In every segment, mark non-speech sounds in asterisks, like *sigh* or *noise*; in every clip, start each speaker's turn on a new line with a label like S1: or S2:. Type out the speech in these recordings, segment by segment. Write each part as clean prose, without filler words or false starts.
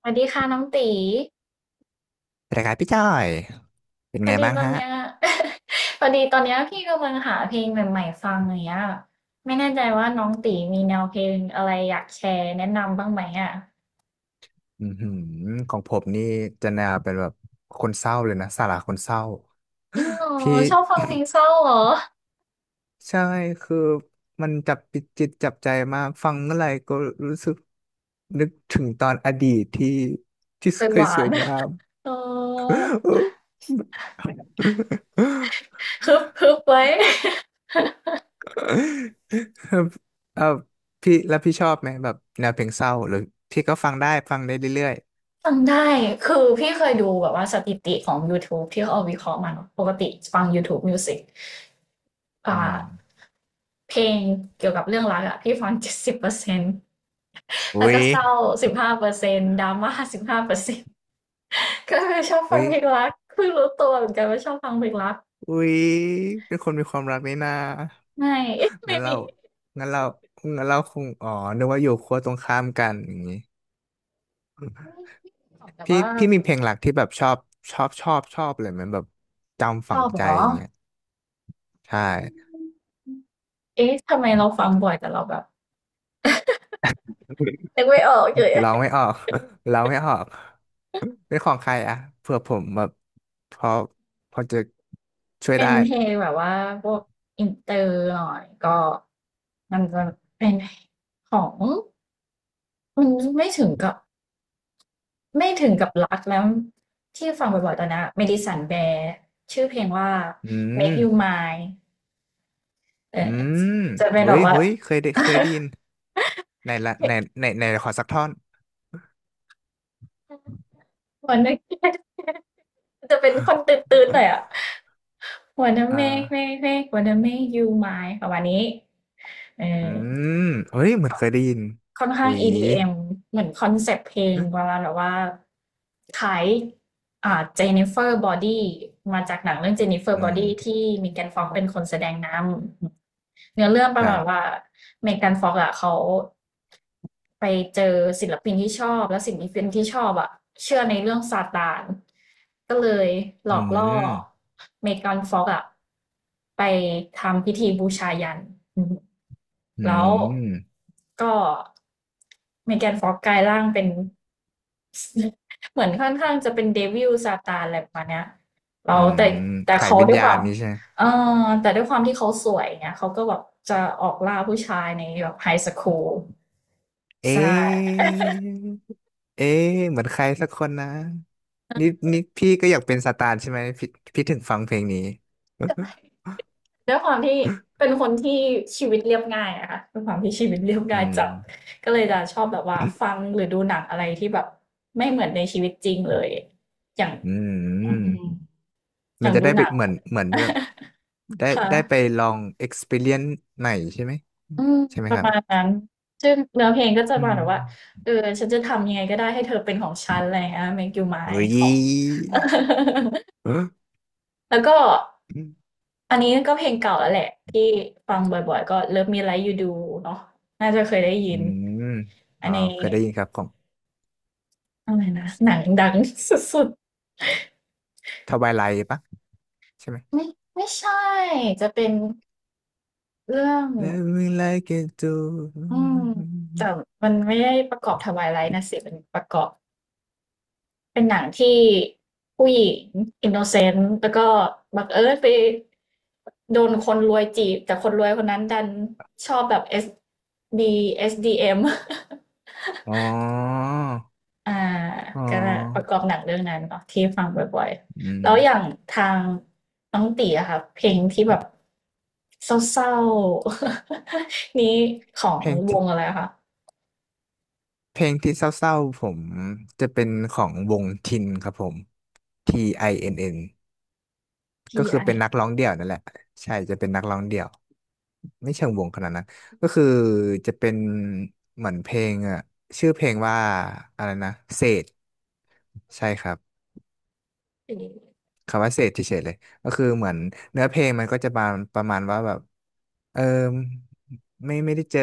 S1: สวัสดีค่ะน้องตี
S2: สวัสดีครับพี่จ้อยเป็น
S1: พอ
S2: ไง
S1: ดี
S2: บ้าง
S1: ตอน
S2: ฮะ
S1: เนี้ย *laughs* พอดีตอนเนี้ยพี่กำลังหาเพลงใหม่ๆฟังอย่างเงี้ยไม่แน่ใจว่าน้องตีมีแนวเพลงอะไรอยากแชร์แนะนำบ้างไหมอ่ะ
S2: อือหือของผมนี่จะแนวเป็นแบบคนเศร้าเลยนะสาระคนเศร้า
S1: จริงเหรอ
S2: พี่
S1: ชอบฟังเพลงเศร้าเหรอ
S2: *laughs* ใช่คือมันจับจิตจับใจมากฟังเมื่อไหร่ก็รู้สึกนึกถึงตอนอดีตที่
S1: เคย
S2: เค
S1: ห
S2: ย
S1: วา
S2: ส
S1: น
S2: วยงาม
S1: เออ
S2: *laughs*
S1: คึบคึบไว้ *laughs*
S2: เออพี่แล้วพี่ชอบไหมแบบแนวเพลงเศร้าหรือพี่ก็ฟังได้เรื่อย
S1: ฟังได้คือพี่เคยดูแบบว่าสถิติของ YouTube ที่เขาเอาวิเคราะห์มาเนอะปกติฟัง YouTube Music อ่
S2: ๆอืม
S1: า เพลงเกี่ยวกับเรื่องรักอะพี่ฟัง70%
S2: อุ้
S1: แล้วก็
S2: ย
S1: เศร้าสิบห้าเปอร์เซ็นต์ดราม่าสิบห้าเปอร์เซ็นต์
S2: อ
S1: ก็เลยชอบฟั
S2: ุ้
S1: ง
S2: ย
S1: เพลงรักเพิ่งรู้ตัวเหมือนกันว่าชอบฟังเพลงรัก
S2: อุ๊ยเป็นคนมีความรักนี่นา
S1: ไม่ *laughs* ไม่
S2: งั้นเรา
S1: มี
S2: งั้นเรางั้นเราคงอ๋อนึกว่าอยู่ขั้วตรงข้ามกันอย่างนี้
S1: แต่
S2: พี่
S1: ว่า
S2: พี่มีเพลงหลักที่แบบชอบเลยมันแบบจำ
S1: ช
S2: ฝั
S1: อ
S2: ง
S1: บ
S2: ใจ
S1: เหรอ
S2: อย่างเงี้ยใช่
S1: เอ๊ะทำไมเราฟังบ่อยแต่เราแบบนึกไม่ออกเลย
S2: ร้องไม่ออก *laughs* ร้องไม่ออกเป็นของใครอะเผื่อผมแบบพอพอจะช่วย
S1: เป็
S2: ได้
S1: นเพลงแบบว่าพวกอินเตอร์หน่อยก็มันจะเป็นของมันไม่ถึงกับ ไม่ถึงกับรักแล้วที่ฟังบ่อยๆตอนนี้เ m ด d i ัน n b e ์ r ชื่อเพลงว่า
S2: อืม
S1: Make You Mine เออ
S2: อืม
S1: จะเป็น
S2: เฮ้
S1: แบบ
S2: ย
S1: ว่า
S2: เฮ้ยเคยได้เคย
S1: *laughs*
S2: ได้ยินในละในในขอสักท่อน
S1: วันนั้น *laughs* จะเป็นคนตื่นๆหน่อยอ่ะ wanna
S2: อ่า
S1: make make make wanna make you mine ประมาณนี้เอ
S2: อื
S1: อ
S2: มเอ้ยเหมือนเคยได้ยิน
S1: ค่อน
S2: ห
S1: ข้าง
S2: วี
S1: EDM เอ็มเหมือนคอนเซปต์เพลงเวลาแบบว่าขายอ่าเจ f น r เฟอร์บอดี้มาจากหนังเรื่องเจ n น i เฟอร์
S2: อื
S1: บอดี้
S2: ม
S1: ที่มีแกนฟอกเป็นคนแสดงนำเนื้อเรื่องป
S2: ค
S1: ระ
S2: รั
S1: มาณว่า
S2: บ
S1: เมแกันฟอกอะเขา ไปเจอศิลปินที่ชอบแล้วศิลปินที่ชอบอะเชื่อในเรื่องซาตานก็เลยหล
S2: อื
S1: อกล่อ
S2: ม
S1: เมกานฟ็อกอะไปทำพิธีบูชายันอืม
S2: อื
S1: แล้ว
S2: ม
S1: ก็เมแกนฟ็อกกลายร่างเป็น *laughs* เหมือนค่อนข้างจะเป็นเดวิลซาตานอะไรประมาณเนี้ย
S2: อื
S1: เรา
S2: ม
S1: แต่แต่
S2: ไข่
S1: เขา
S2: วิญ
S1: ด้วยค
S2: ญา
S1: วา
S2: ณ
S1: ม
S2: นี้ใช่ไหม
S1: เอแต่ด้วยความที่เขาสวยเนี่ยเขาก็แบบจะออกล่าผู้ชายในแบบไฮสคูล
S2: เอ๊
S1: ใช่
S2: ะเอ๊ะเหมือนใครสักคนนะนี่นี่พี่ก็อยากเป็นสตาร์ใช่ไหมพี่พี่ถึงฟังเพลงนี้
S1: *laughs* ด้วยความที่เป็นคนที่ชีวิตเรียบง่ายอะค่ะด้วยความที่ชีวิตเรียบ
S2: อื
S1: ง่าย
S2: ม
S1: จัดก็เลยจะชอบแบบว่าฟังหรือดูหนังอะไรที่แบบไม่เหมือนในชีวิตจริงเลยอย่าง
S2: อื
S1: อืม
S2: ม
S1: อ
S2: มัน
S1: ย่าง
S2: จะ
S1: ดู
S2: ได้
S1: ห
S2: ไป
S1: นัง
S2: เหมือนเรื่องได้
S1: *laughs* ค่ะ
S2: ได้ไปลอง experience ใหม่ใช่ไหม
S1: อืม
S2: ใช่ไหม
S1: ป
S2: ค
S1: ระ
S2: รับ
S1: มาณนั้นซึ่งเนื้อเพลงก็จะ
S2: อื
S1: ประมา
S2: ม
S1: ณแบบว่าเออฉันจะทำยังไงก็ได้ให้เธอเป็นของฉันอะไรอย่างเงี้ย Make You
S2: เฮ้
S1: Mine
S2: ย
S1: ของ *laughs* แล้วก็อันนี้ก็เพลงเก่าแล้วแหละที่ฟังบ่อยๆก็ Love Me Like You Do เนาะน่าจะเคยได้ยิ
S2: อื
S1: น
S2: ม
S1: อั
S2: อ๋
S1: น
S2: อ
S1: นี้
S2: เคยได้ยินครับของ
S1: อะไรนะหนังดังสุด
S2: ทวายไลท์ปะใช่ไหม
S1: ๆไม่ไม่ใช่จะเป็นเรื่อง
S2: Let me like it too
S1: อืมแต่มันไม่ได้ประกอบทวายไลท์นะสิเป็นประกอบเป็นหนังที่ผู้หญิงอินโนเซนต์แล้วก็บังเอิญไปโดนคนรวยจีบแต่คนรวยคนนั้นดันชอบแบบดีเอสดีเอ็ม
S2: อ๋อ
S1: อ่า
S2: อ๋อ
S1: ก็ประกอบหนังเรื่องนั้นเนาะที่ฟังบ่อย
S2: อื
S1: ๆ
S2: ม
S1: แล้วอย่างทางน้องตีอะค่ะเพลงที่แบบเศร้าๆ *laughs* นี้ขอ
S2: เพ
S1: ง
S2: ลง
S1: ว
S2: ที่
S1: งอะไรอะคะ
S2: เพลงที่เศร้าๆผมจะเป็นของวงทินครับผม T I N N ก็คือเป็น
S1: T.I. ่
S2: นักร้องเดี่ยวนั่นแหละใช่จะเป็นนักร้องเดี่ยวไม่เชิงวงขนาดนั้นก็คือจะเป็นเหมือนเพลงอ่ะชื่อเพลงว่าอะไรนะเศษใช่ครับ
S1: ไอ
S2: คำว่าเสพเฉยๆเลยก็คือเหมือนเนื้อเพลงมันก็จะประมาณว่าแบบเออไม่ได้เจอ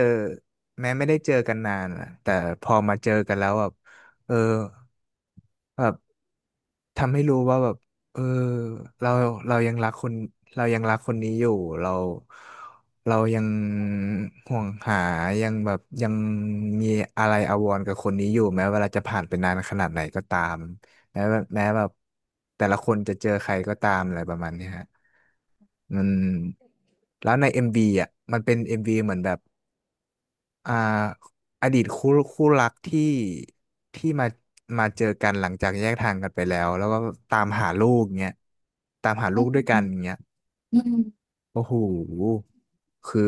S2: แม้ไม่ได้เจอกันนานอะแต่พอมาเจอกันแล้วแบบเออแบบ ทำให้รู้ว่าแบบเออเราเรายังรักคนเรายังรักคนนี้อยู่เราเรายังห่วงหายังแบบยังมีอะไรอาวรณ์กับคนนี้อยู่แม้เวลาจะผ่านไปนานขนาดไหนก็ตามแม้ว่าแม้แบบแต่ละคนจะเจอใครก็ตามอะไรประมาณเนี้ยฮะมันแล้วใน MV อมวีอ่ะมันเป็น MV เหมือนแบบ อ่าอดีตคู่รักที่มาเจอกันหลังจากแยกทางกันไปแล้วแล้วก็ตามหาลูกเงี้ยตามหาลู
S1: ื
S2: กด้วยกัน
S1: ม
S2: เงี้ย
S1: อืม
S2: โอ้โหคือ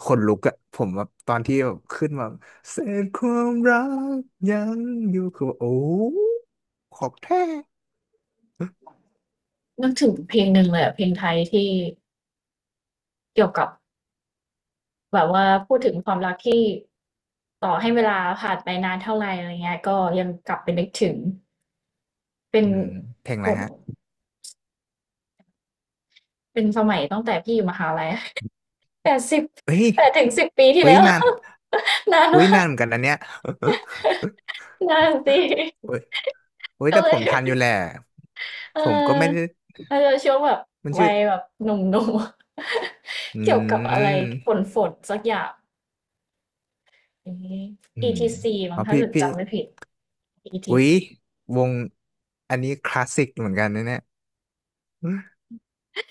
S2: ขนลุกอะผมแบบตอนที่แบบขึ้นมาเศษความรักยังอยู่คือว่าโอ้ของแท้
S1: นึกถึงเพลงหนึ่งเลยอะเพลงไทยที่เกี่ยวกับแบบว่าพูดถึงความรักที่ต่อให้เวลาผ่านไปนานเท่าไรอะไรเงี้ยก็ยังกลับไปนึกถึงเป็น
S2: อืมเพลง
S1: ฝ
S2: อะไร
S1: น
S2: ฮะ
S1: เป็นสมัยตั้งแต่พี่อยู่มหาลัย 8สิ1
S2: เอ้ย
S1: 0ปดถึงสิบปีที่
S2: เอ้ย
S1: แล้ว
S2: นาน
S1: *laughs* นาน
S2: เอ้ย
S1: มา
S2: นาน
S1: ก
S2: เหมือนกันนะเนี่ย *laughs*
S1: นานสิ
S2: โอ้ยโอ้ย
S1: ก็
S2: แต่
S1: เล
S2: ผ
S1: ย
S2: มทันอยู่แหละ
S1: เ
S2: ผมก็ไม่ได้
S1: ออมันจะช่วงแบบ
S2: มัน
S1: วั
S2: ชื่อ
S1: ยแบบหนุ่มๆ
S2: อื
S1: *laughs* เกี่ยวกับอะไรฝ
S2: ม
S1: นฝนสักอย่างอย่างนี
S2: อื
S1: อี
S2: ม
S1: ทีซีมั้ง
S2: เอา
S1: ถ้า
S2: พี่
S1: เกิด
S2: พี่
S1: จำไม่ผิดอีที
S2: อุ๊ย
S1: ซี
S2: วงอันนี้คลาสสิกเหมือนกันนะเนี่ย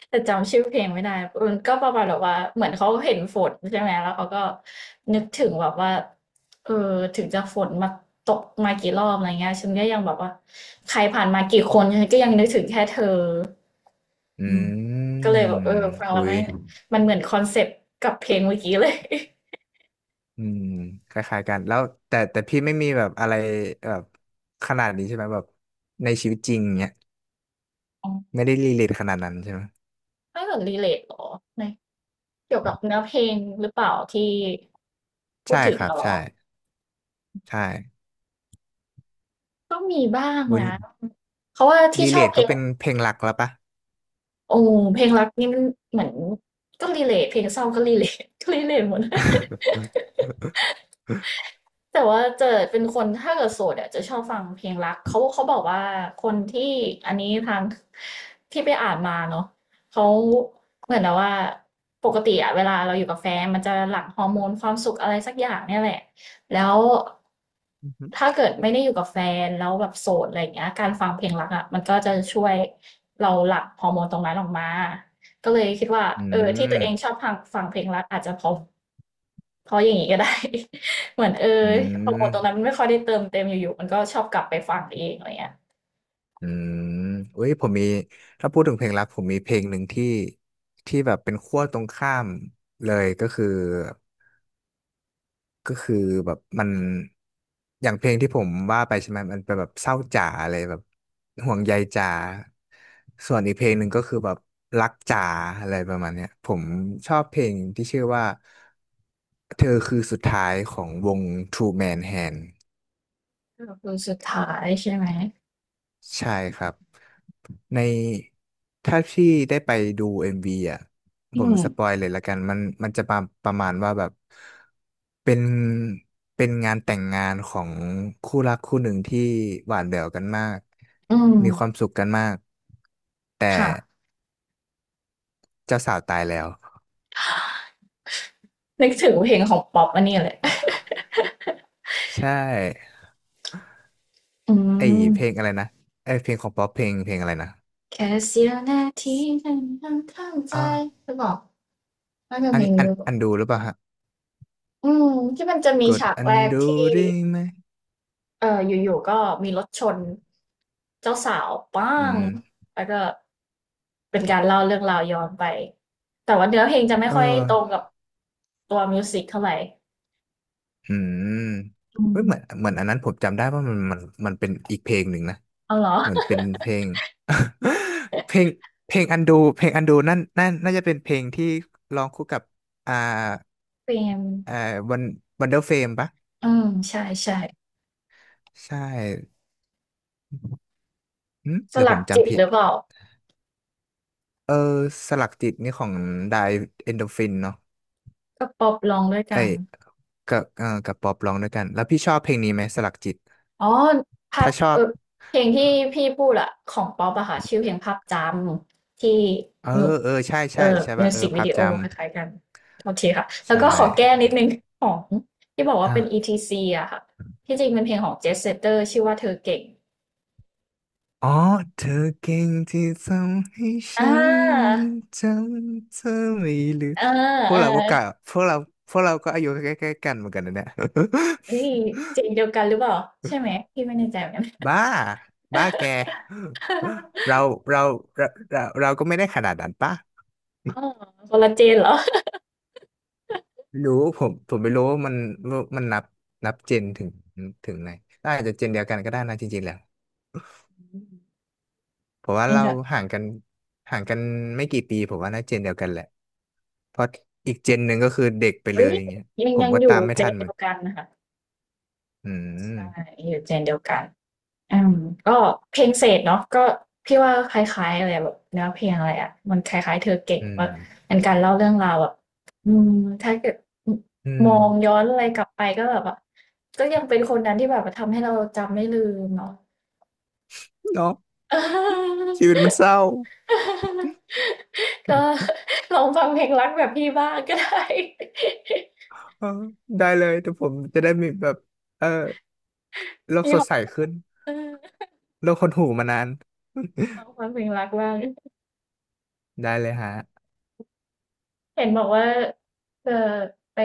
S1: แต่จำชื่อเพลงไม่ได้มันก็ประมาณแบบว่าเหมือนเขาเห็นฝนใช่ไหมแล้วเขาก็นึกถึงแบบว่าเออถึงจะฝนมาตกมากี่รอบอะไรเงี้ยฉันก็ยังแบบว่าใครผ่านมากี่คนฉันก็ยังนึกถึงแค่เธอ
S2: อื
S1: อืมก็เล
S2: ม
S1: ยแบบฟังแล้
S2: อุ้
S1: ว
S2: ย
S1: ไม่มันเหมือนคอนเซปต์กับเพลงเมื่อกี้เลย
S2: อืมคล้ายๆกันแล้วแต่พี่ไม่มีแบบอะไรแบบขนาดนี้ใช่ไหมแบบในชีวิตจริงเนี้ย
S1: *laughs* อ๋อ
S2: ไม่ได้รีเลทขนาดนั้นใช่ไหม
S1: ไม่เหมือนรีเลทหรอในเกี่ยวกับเนื้อเพลงหรือเปล่าที่พูด
S2: ใช่
S1: ถึ
S2: ค
S1: ง
S2: รับ
S1: อะเหรอ
S2: ใช่ใช่
S1: ก็มีบ้าง
S2: บน
S1: นะเพราะว่าที่
S2: รี
S1: ช
S2: เล
S1: อบ
S2: ท
S1: เพล
S2: ก็
S1: ง
S2: เป็นเพลงหลักแล้วปะ
S1: โอ้เพลงรักนี่มันเหมือนก็ relate เพลงเศร้าก็ relate ก็ relate หมด แต่ว่าเจะเป็นคนถ้าเกิดโสดอ่ะจะชอบฟังเพลงรักเขาบอกว่าคนที่อันนี้ทางที่ไปอ่านมาเนาะเขาเหมือนนะว่าปกติอ่ะเวลาเราอยู่กับแฟนมันจะหลั่งฮอร์โมนความสุขอะไรสักอย่างเนี่ยแหละแล้วถ้าเกิดไม่ได้อยู่กับแฟนแล้วแบบโสดอะไรอย่างเงี้ยการฟังเพลงรักอ่ะมันก็จะช่วยเราหลั่งฮอร์โมนตรงนั้นออกมาก็เลยคิดว่า
S2: *laughs* อื
S1: ที่ตั
S2: ม
S1: วเองชอบฟังเพลงรักอาจจะเพราะ เขาอย่างนี้ก็ได้ *laughs* เหมือนเออ
S2: อื
S1: โปรโม
S2: ม
S1: ทตรงนั้นมันไม่ค่อยได้เติมเต็มอยู่ๆมันก็ชอบกลับไปฟังเองอะไรเงี้ย
S2: อืมอุ้ยผมมีถ้าพูดถึงเพลงรักผมมีเพลงหนึ่งที่แบบเป็นขั้วตรงข้ามเลยก็คือแบบมันอย่างเพลงที่ผมว่าไปใช่ไหมมันเป็นแบบเศร้าจ๋าอะไรแบบห่วงใยจ๋าส่วนอีกเพลงหนึ่งก็คือแบบรักจ๋าอะไรประมาณเนี้ยผมชอบเพลงที่ชื่อว่าเธอคือสุดท้ายของวง True Man Hand
S1: ก็คือสุดท้ายใช่ไหม
S2: ใช่ครับในถ้าพี่ได้ไปดู MV อมวีอ่ะผ
S1: อื
S2: ม
S1: ม
S2: สปอยเลยละกันมันจะประประมาณว่าแบบเป็นเป็นงานแต่งงานของคู่รักคู่หนึ่งที่หวานแหววกันมาก
S1: อืม
S2: มีความสุขกันมากแต่
S1: ค่ะ
S2: เจ้าสาวตายแล้ว
S1: นึกถึงเพลงของป๊อปอันนี้เลย *laughs*
S2: ใช่
S1: อื
S2: ไอ
S1: ม
S2: เพลงอะไรนะไอยเพลงของป๊อปเพลงเพลงอะไรนะ
S1: แค่เสี้ยวนาทีนั้นยังเข้าใจ
S2: อ่าว
S1: หรือเปล่าน่าจะ
S2: อั
S1: เพ
S2: น
S1: ล
S2: นี้
S1: งนี้
S2: อั
S1: ห
S2: น
S1: รือเป
S2: อัน
S1: ล่า
S2: ดูหรือเปล่าฮะ
S1: อืมที่มันจะมี
S2: กด
S1: ฉาก
S2: อัน
S1: แรก
S2: ดู
S1: ที่
S2: ได้ไหม
S1: อยู่ๆก็มีรถชนเจ้าสาวป้า
S2: อื
S1: ง
S2: ม
S1: แล้วก็เป็นการเล่าเรื่องราวย้อนไปแต่ว่าเนื้อเพลงจะไม่
S2: เออ
S1: ค่อยตรงกับตัวมิวสิกเท่าไหร่
S2: อืม
S1: อื
S2: เฮ้ย
S1: ม
S2: เหมือนเหมือนอันนั้นผมจำได้ว่ามันมันมันเป็นอีกเพลงหนึ่งนะ
S1: เอาเหรอ
S2: เหมือนเป็น
S1: *laughs*
S2: เพลง *laughs* เพลงเพลงอันดูเพลงอันดูนั่นนั่นน่าจะเป็นเพลงที่ร้องคู่กับอ่า
S1: เปรน
S2: อ่าวันวันเดอร์เฟมปะ
S1: อืมใช่
S2: ใช่หึ
S1: ส
S2: เดี๋ยวผ
S1: ลัก
S2: ม
S1: จิต
S2: จำผิ
S1: ห
S2: ด
S1: รือเปล่า
S2: เออสลักจิตนี่ของไดเอนโดฟินเนาะ
S1: ก็ป๊อปร้องด้วย
S2: ไอ้
S1: กัน
S2: ยกับเออกับป๊อปร้องด้วยกันแล้วพี่ชอบเพลงนี้ไหมสลักจิต
S1: อ๋อภาพ
S2: ถ้าชอบ
S1: เพลงที่พี่พูดอะของป๊อปอะค่ะชื่อเพลงภาพจำที่
S2: เออ
S1: มิว
S2: เออใช่
S1: เอ
S2: ใช่
S1: อ
S2: ใช่
S1: มิ
S2: ป่ะ
S1: ว
S2: เออ
S1: สิกวิ
S2: ภาพ
S1: ดีโอ
S2: จ
S1: คล้ายๆกันโอเคค่ะ
S2: ำ
S1: แล้ว
S2: ใช่
S1: ก็ขอแก้นิดนึงของที่บอกว่าเป็นอี
S2: อ่ะ
S1: ทีซีอะค่ะที่จริงเป็นเพลงของเจสเซเตอร์ชื่อว่าเธอเก่ง
S2: อ๋อเธอเก่งที่ทำให้
S1: อ่
S2: ฉัน
S1: า
S2: จำเธอไม่ลืม
S1: อ
S2: พว
S1: เอ
S2: ก
S1: อ
S2: เราก็กะพวกเราพวกเราก็อายุใกล้ๆกันเหมือนกันนะเนี่ย
S1: เฮ้ยเจ๋งเดียวกันหรือเปล่าใช่ไหมพี่ไม่แน่ใจเหมือนกั
S2: *laughs*
S1: น
S2: บ้าบ้าแก
S1: *laughs*
S2: เราเราเราเราก็ไม่ได้ขนาดนั้นปะ
S1: อ๋อคนละเจนเหรอ
S2: รู้ผมไม่รู้ว่ามันว่ามันนับนับเจนถึงถึงไหนอาจจะเจนเดียวกันก็ได้นะจริงๆแล้ว
S1: อืม
S2: เพราะว่า
S1: ยัง
S2: เรา
S1: จะ
S2: ห่างกันห่างกันไม่กี่ปีผมว่าน่าเจนเดียวกันแหละ เพราะอีกเจนหนึ่งก็คือเด็กไปเล
S1: เอ้ย
S2: ยอย่างเงี้ย
S1: ยัง
S2: ผม
S1: ยัง
S2: ก็
S1: อ
S2: ตา
S1: ยู่
S2: มไม่
S1: เจ
S2: ทั
S1: น
S2: นเหมื
S1: เดี
S2: อน
S1: ยวกันนะคะ
S2: อื
S1: ใช่
S2: ม
S1: อยู่เจนเดียวกันอืมก็เพลงเศษเนาะก็พี่ว่าคล้ายๆอะไรแบบเนื้อเพลงอะไรอ่ะมันคล้ายๆเธอเก่ง
S2: อืม
S1: ว่าเป็นการเล่าเรื่องราวแบบอืมถ้าเกิด
S2: อืม
S1: มองย้อนอะไรกลับไปก็แบบว่าก็ยังเป็นคนนั้นที่แบบว่าทำให้เราจำไม่ลืมเนาะ
S2: เนาะชีวิตมันเศร้า
S1: *laughs* ก็
S2: *laughs*
S1: ลองฟังเพลงรักแบบพี่บ้างก็ได้
S2: เออได้เลยแต่ผมจะได้มีแบบเออ
S1: *laughs*
S2: โลก
S1: มี
S2: ส
S1: ค
S2: ด
S1: วาม
S2: ใสขึ้น
S1: เออ
S2: โลกหดหู่มานาน
S1: ล
S2: *laughs*
S1: องฟังเพลงรักบ้าง
S2: ได้เลยฮะ
S1: เห็นบอกว่าจะไป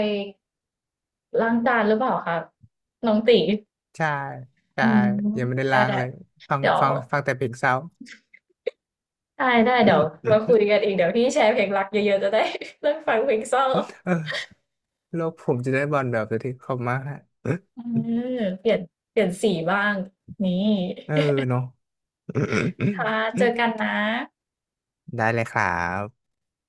S1: ล้างจานหรือเปล่าครับน้องตี
S2: ใช่
S1: อื
S2: ใช่
S1: ม
S2: ยังไม่ได้
S1: ได้
S2: ล้าง
S1: ได้
S2: เลยฟัง
S1: เดี๋ยว
S2: ฟังฟังแต่เพลงเศร้า
S1: ได้เดี๋ยวมา
S2: *laughs*
S1: คุยกันอีกเดี๋ยวพี่แชร์เพลงรักเยอะๆจะได้ *laughs* เลิกฟังเพลงเศร้า
S2: เออโลกผมจะได้บอลแบบสักที่เขามากฮะ
S1: อ
S2: *laughs*
S1: มเปลี่ยนสีบ้างนี่
S2: เออเนาะ
S1: ค่ะเจอกันนะ
S2: *laughs* ได้เลยครับ